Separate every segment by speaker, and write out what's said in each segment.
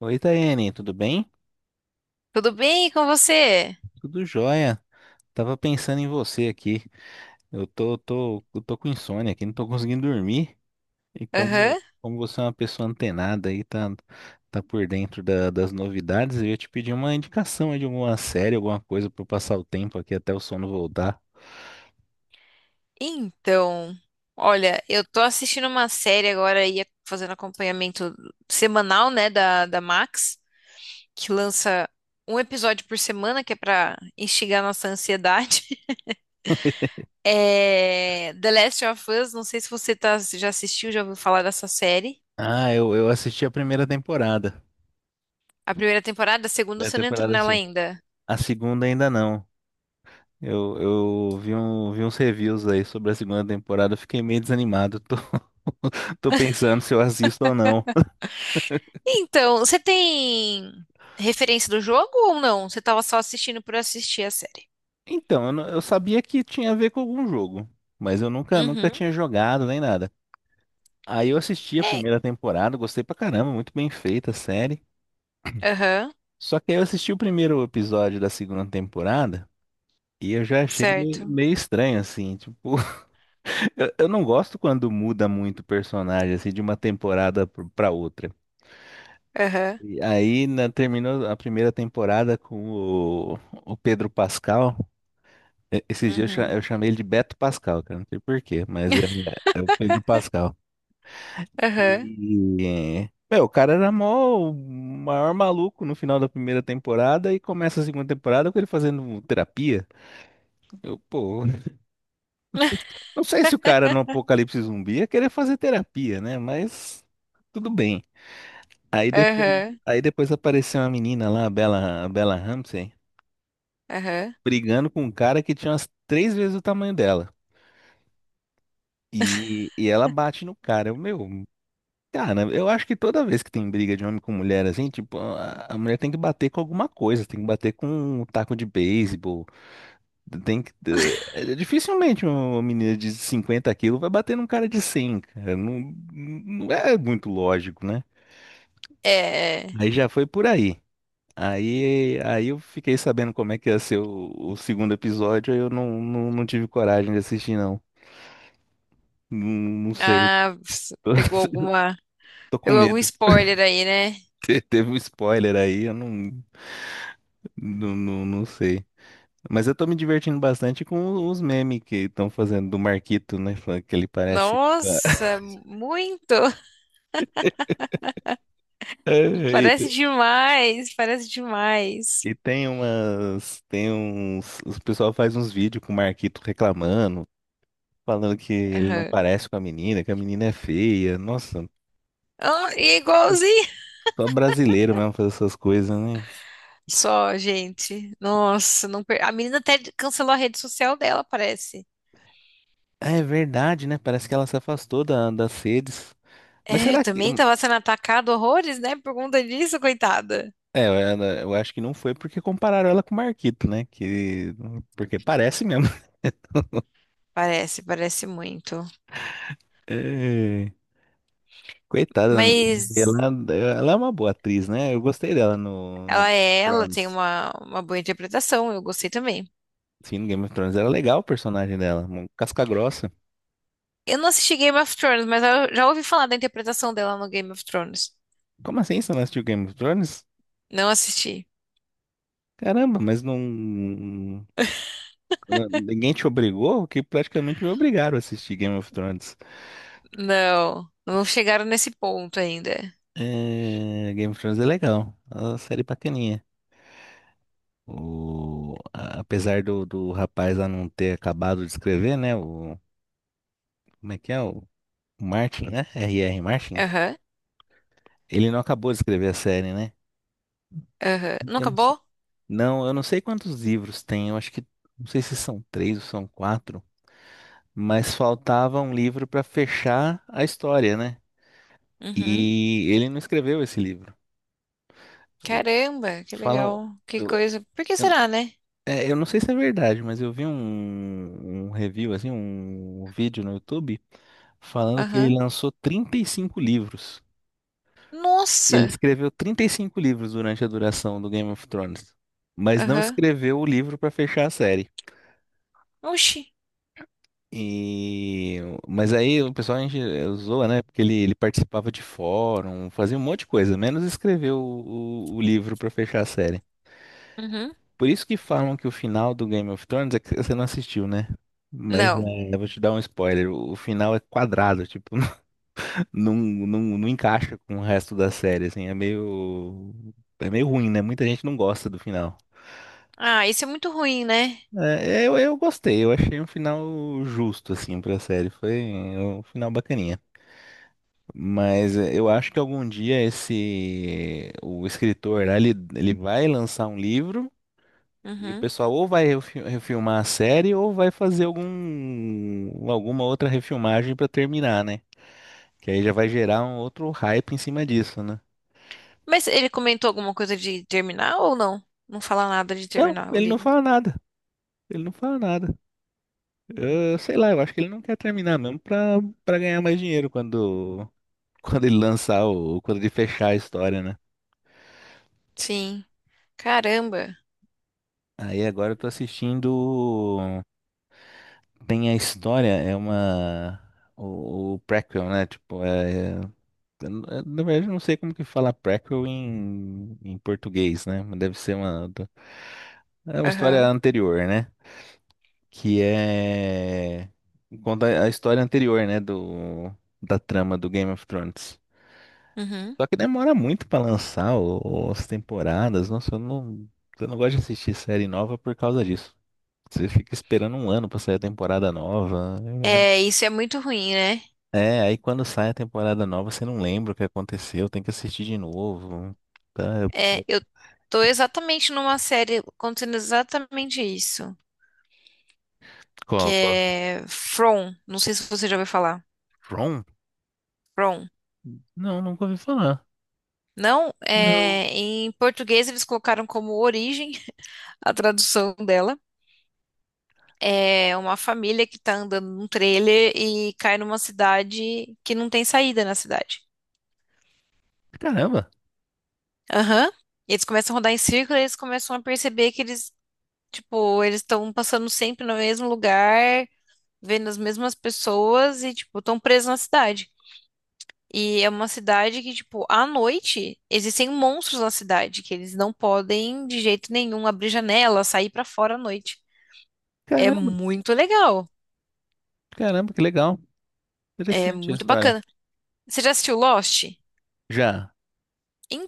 Speaker 1: Oi, Taiane, tudo bem?
Speaker 2: Tudo bem com você?
Speaker 1: Tudo jóia. Tava pensando em você aqui. Eu tô com insônia aqui, não tô conseguindo dormir. E como,
Speaker 2: Aham.
Speaker 1: como você é uma pessoa antenada aí, tá, tá por dentro das novidades, eu ia te pedir uma indicação aí de alguma série, alguma coisa pra eu passar o tempo aqui até o sono voltar.
Speaker 2: Então, olha, eu tô assistindo uma série agora e fazendo acompanhamento semanal, né, da Max, que lança um episódio por semana, que é pra instigar nossa ansiedade. É The Last of Us, não sei se você tá, já assistiu, já ouviu falar dessa série.
Speaker 1: Ah, eu assisti a primeira temporada.
Speaker 2: A primeira temporada, a segunda
Speaker 1: Primeira
Speaker 2: você não entrou
Speaker 1: temporada,
Speaker 2: nela
Speaker 1: sim.
Speaker 2: ainda.
Speaker 1: A segunda ainda não. Eu vi, um, vi uns reviews aí sobre a segunda temporada, eu fiquei meio desanimado. Tô, tô pensando se eu assisto ou não.
Speaker 2: Então, você tem referência do jogo ou não? Você tava só assistindo por assistir a série?
Speaker 1: Então, eu, eu sabia que tinha a ver com algum jogo, mas eu nunca
Speaker 2: Uhum.
Speaker 1: tinha jogado nem nada. Aí eu assisti a
Speaker 2: É.
Speaker 1: primeira temporada, gostei pra caramba, muito bem feita a série.
Speaker 2: Aham,
Speaker 1: Só que aí eu assisti o primeiro episódio da segunda temporada e eu já achei meio,
Speaker 2: certo.
Speaker 1: meio estranho, assim, tipo, eu não gosto quando muda muito o personagem, assim, de uma temporada pra outra.
Speaker 2: Aham,
Speaker 1: E aí terminou a primeira temporada com o Pedro Pascal. Esse dia eu,
Speaker 2: uhum,
Speaker 1: eu chamei ele de Beto Pascal, cara. Não sei por quê, mas é, é o Pedro Pascal.
Speaker 2: aham,
Speaker 1: E, meu, o cara era mó, o maior maluco no final da primeira temporada e começa a segunda temporada com ele fazendo terapia. Eu, pô, não sei se o cara no Apocalipse Zumbi ia querer fazer terapia, né? Mas tudo bem. Aí depois,
Speaker 2: aham,
Speaker 1: aí depois apareceu uma menina lá, a Bella Ramsey,
Speaker 2: aham.
Speaker 1: brigando com um cara que tinha umas três vezes o tamanho dela. E, ela bate no cara. Eu, meu, cara, eu acho que toda vez que tem briga de homem com mulher, assim, tipo, a mulher tem que bater com alguma coisa, tem que bater com um taco de beisebol, tem que... dificilmente uma menina de 50 quilos vai bater num cara de 100, cara. Não, não é muito lógico, né?
Speaker 2: É, é.
Speaker 1: Aí já foi por aí. Aí eu fiquei sabendo como é que ia ser o segundo episódio, aí eu não tive coragem de assistir, não. Não, não sei.
Speaker 2: Ah,
Speaker 1: Tô,
Speaker 2: pegou alguma,
Speaker 1: tô com
Speaker 2: pegou algum
Speaker 1: medo.
Speaker 2: spoiler aí, né?
Speaker 1: Teve um spoiler aí, eu não sei. Mas eu tô me divertindo bastante com os memes que estão fazendo do Marquito, né? Falando que ele parece.
Speaker 2: Nossa, muito!
Speaker 1: E,
Speaker 2: Parece
Speaker 1: te-
Speaker 2: demais, parece demais.
Speaker 1: e tem umas. Tem uns. O pessoal faz uns vídeos com o Marquito reclamando, falando que ele não
Speaker 2: Aham.
Speaker 1: parece com a menina, que a menina é feia. Nossa,
Speaker 2: Ah, e é igualzinho.
Speaker 1: só brasileiro mesmo fazer essas coisas, né?
Speaker 2: Só, gente. Nossa, não per... A menina até cancelou a rede social dela, parece.
Speaker 1: Ah, é verdade, né? Parece que ela se afastou da, das redes. Mas
Speaker 2: É,
Speaker 1: será que.
Speaker 2: também tava sendo atacada horrores, né? Por conta disso, coitada.
Speaker 1: É, eu acho que não foi porque compararam ela com o Marquito, né? Que, porque parece mesmo.
Speaker 2: Parece, parece muito.
Speaker 1: É, coitada da menina.
Speaker 2: Mas
Speaker 1: Ela é uma boa atriz, né? Eu gostei dela no Game
Speaker 2: ela
Speaker 1: of
Speaker 2: é ela, tem
Speaker 1: Thrones.
Speaker 2: uma boa interpretação, eu gostei também.
Speaker 1: Sim, no Game of Thrones era legal o personagem dela, uma casca grossa.
Speaker 2: Eu não assisti Game of Thrones, mas eu já ouvi falar da interpretação dela no Game of Thrones.
Speaker 1: Como assim você não assistiu Game of Thrones?
Speaker 2: Não assisti.
Speaker 1: Caramba, mas não. Ninguém te obrigou, que praticamente me obrigaram a assistir Game of Thrones.
Speaker 2: Não, não chegaram nesse ponto ainda.
Speaker 1: É, Game of Thrones é legal, é uma série bacaninha. O, apesar do rapaz lá não ter acabado de escrever, né? O, como é que é? O Martin, né? R R Martin.
Speaker 2: Aham,
Speaker 1: Ele não acabou de escrever a série, né?
Speaker 2: aham. Não
Speaker 1: Eu não,
Speaker 2: acabou?
Speaker 1: não, eu não sei quantos livros tem. Eu acho que, não sei se são três ou são quatro, mas faltava um livro para fechar a história, né?
Speaker 2: Uhum.
Speaker 1: E ele não escreveu esse livro. O-
Speaker 2: Caramba, que
Speaker 1: Falam,
Speaker 2: legal. Que
Speaker 1: eu,
Speaker 2: coisa. Por que
Speaker 1: eu
Speaker 2: será, né?
Speaker 1: é, eu não sei se é verdade, mas eu vi um, um review, assim, um vídeo no YouTube falando que ele
Speaker 2: Aham.
Speaker 1: lançou 35 livros. Ele
Speaker 2: Nossa.
Speaker 1: escreveu 35 livros durante a duração do Game of Thrones, mas não
Speaker 2: Aham.
Speaker 1: escreveu o livro para fechar a série.
Speaker 2: Oxi.
Speaker 1: E mas aí o pessoal a gente zoa, né? Porque ele participava de fórum, fazia um monte de coisa, menos escrever o livro para fechar a série.
Speaker 2: Uhum.
Speaker 1: Por isso que falam que o final do Game of Thrones é que você não assistiu, né? Mas
Speaker 2: Não.
Speaker 1: é, eu vou te dar um spoiler. O final é quadrado, tipo, não encaixa com o resto da série, assim, é meio ruim, né? Muita gente não gosta do final.
Speaker 2: Ah, isso é muito ruim, né?
Speaker 1: É, eu gostei, eu achei um final justo, assim, pra série. Foi um final bacaninha. Mas é, eu acho que algum dia esse o escritor, né, ele vai lançar um livro. E o
Speaker 2: Uhum.
Speaker 1: pessoal ou vai refilmar a série ou vai fazer algum, alguma outra refilmagem pra terminar, né? Que aí já vai gerar um outro hype em cima disso, né?
Speaker 2: Mas ele comentou alguma coisa de terminar ou não? Não fala nada de
Speaker 1: Não,
Speaker 2: terminar o
Speaker 1: ele não
Speaker 2: livro.
Speaker 1: fala nada. Ele não fala nada. Eu, sei lá, eu acho que ele não quer terminar mesmo pra, pra ganhar mais dinheiro quando, quando ele lançar o, quando ele fechar a história, né?
Speaker 2: Sim. Caramba.
Speaker 1: Aí agora eu tô assistindo. Tem a história, é uma. O prequel, né? Tipo, é. É na verdade, eu não sei como que fala prequel em, em português, né? Mas deve ser uma, é uma história
Speaker 2: Aham.
Speaker 1: anterior, né? Que é. Conta a história anterior, né? Do, da trama do Game of Thrones.
Speaker 2: Uhum.
Speaker 1: Só que demora muito pra lançar as temporadas. Nossa, eu não gosto de assistir série nova por causa disso. Você fica esperando um ano pra sair a temporada nova. É, é
Speaker 2: É, isso é muito ruim, né?
Speaker 1: é, aí quando sai a temporada nova, você não lembra o que aconteceu, tem que assistir de novo. Tá?
Speaker 2: É, eu tô exatamente numa série acontecendo exatamente isso, que
Speaker 1: Co- co-
Speaker 2: é From. Não sei se você já ouviu falar.
Speaker 1: From?
Speaker 2: From.
Speaker 1: Não, nunca ouvi falar.
Speaker 2: Não,
Speaker 1: Não.
Speaker 2: é, em português eles colocaram como origem, a tradução dela. É uma família que tá andando num trailer e cai numa cidade que não tem saída na cidade.
Speaker 1: Caramba,
Speaker 2: Aham. E eles começam a rodar em círculo, e eles começam a perceber que eles, tipo, eles estão passando sempre no mesmo lugar, vendo as mesmas pessoas e, tipo, estão presos na cidade. E é uma cidade que, tipo, à noite existem monstros na cidade, que eles não podem de jeito nenhum abrir janela, sair pra fora à noite. É
Speaker 1: caramba,
Speaker 2: muito legal,
Speaker 1: caramba, que legal.
Speaker 2: é
Speaker 1: Interessante a
Speaker 2: muito
Speaker 1: história.
Speaker 2: bacana. Você já assistiu Lost?
Speaker 1: Já,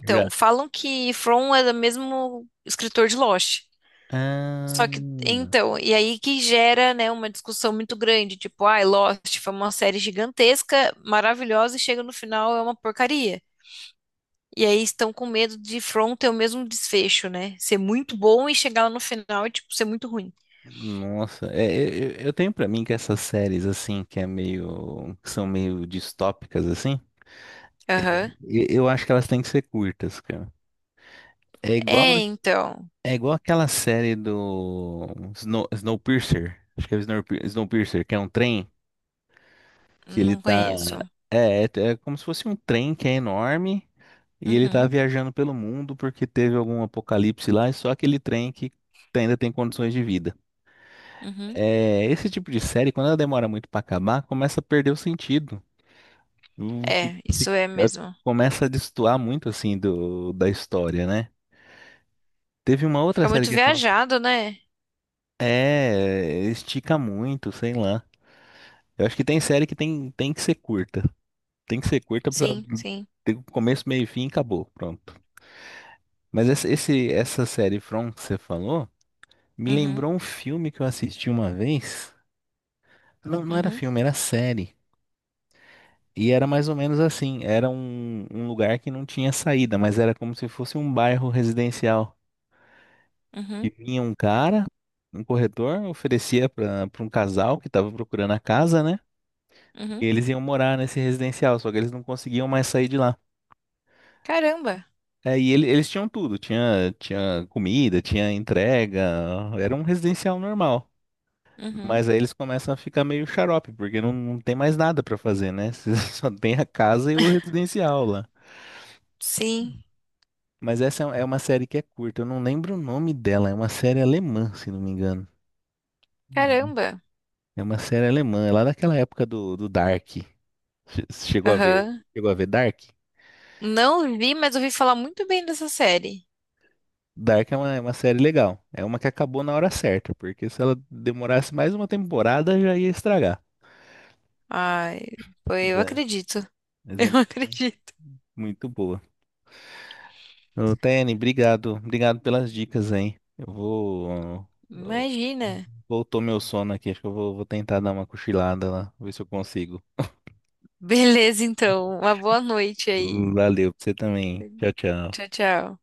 Speaker 1: já.
Speaker 2: falam que From é do mesmo escritor de Lost.
Speaker 1: Ah,
Speaker 2: Só que, então, e aí que gera, né, uma discussão muito grande, tipo, ai, Lost foi uma série gigantesca, maravilhosa, e chega no final é uma porcaria. E aí estão com medo de From ter o mesmo desfecho, né? Ser muito bom e chegar lá no final e, tipo, ser muito ruim.
Speaker 1: nossa, é, eu eu tenho pra mim que essas séries assim, que é meio, que são meio distópicas assim,
Speaker 2: Aham.
Speaker 1: eu acho que elas têm que ser curtas, cara. É igual
Speaker 2: É, então,
Speaker 1: é igual aquela série do Snow, Snowpiercer, acho que é Snowpiercer, Snowpiercer, que é um trem que ele
Speaker 2: não
Speaker 1: tá.
Speaker 2: conheço.
Speaker 1: É, é, é como se fosse um trem que é enorme e ele tá
Speaker 2: Uhum,
Speaker 1: viajando pelo mundo porque teve algum apocalipse lá e só aquele trem que tá, ainda tem condições de vida.
Speaker 2: uhum.
Speaker 1: É, esse tipo de série, quando ela demora muito pra acabar, começa a perder o sentido. Hum, fi-
Speaker 2: É, isso
Speaker 1: fi-
Speaker 2: é
Speaker 1: ela
Speaker 2: mesmo.
Speaker 1: começa a destoar muito assim do, da história, né? Teve uma outra
Speaker 2: Fica
Speaker 1: série
Speaker 2: muito
Speaker 1: que
Speaker 2: viajado, né?
Speaker 1: é, estica muito, sei lá. Eu acho que tem série que tem que ser curta. Tem que ser curta pra
Speaker 2: Sim, sim.
Speaker 1: ter o começo, meio e fim e acabou. Pronto. Mas essa série From que você falou me
Speaker 2: Uhum,
Speaker 1: lembrou um filme que eu assisti uma vez. Não, não era
Speaker 2: uhum,
Speaker 1: filme, era série. E era mais ou menos assim. Era um, um lugar que não tinha saída, mas era como se fosse um bairro residencial. E
Speaker 2: uhum,
Speaker 1: vinha um cara, um corretor, oferecia pra um casal que tava procurando a casa, né? E
Speaker 2: uhum.
Speaker 1: eles iam morar nesse residencial, só que eles não conseguiam mais sair de lá.
Speaker 2: Caramba.
Speaker 1: É, e eles tinham tudo, tinha, tinha comida, tinha entrega, era um residencial normal.
Speaker 2: Uhum.
Speaker 1: Mas aí eles começam a ficar meio xarope, porque não tem mais nada pra fazer, né? Você só tem a casa e o residencial lá.
Speaker 2: Sim,
Speaker 1: Mas essa é é uma série que é curta, eu não lembro o nome dela, é uma série alemã, se não me engano. Uhum.
Speaker 2: caramba.
Speaker 1: É uma série alemã, é lá daquela época do Dark. Che- Chegou a ver,
Speaker 2: Aham.
Speaker 1: chegou a ver Dark?
Speaker 2: Não vi, mas ouvi falar muito bem dessa série.
Speaker 1: Dark é uma série legal. É uma que acabou na hora certa, porque se ela demorasse mais uma temporada já ia estragar.
Speaker 2: Ai, eu
Speaker 1: É,
Speaker 2: acredito.
Speaker 1: mas é
Speaker 2: Eu
Speaker 1: muito
Speaker 2: acredito.
Speaker 1: muito boa. Ô, Tene, obrigado. Obrigado pelas dicas, hein? Eu vou. Ó,
Speaker 2: Imagina.
Speaker 1: voltou meu sono aqui. Acho que eu vou, vou tentar dar uma cochilada lá, ver se eu consigo.
Speaker 2: Beleza, então. Uma boa noite aí.
Speaker 1: Valeu pra você também. Tchau, tchau.
Speaker 2: Tchau, tchau.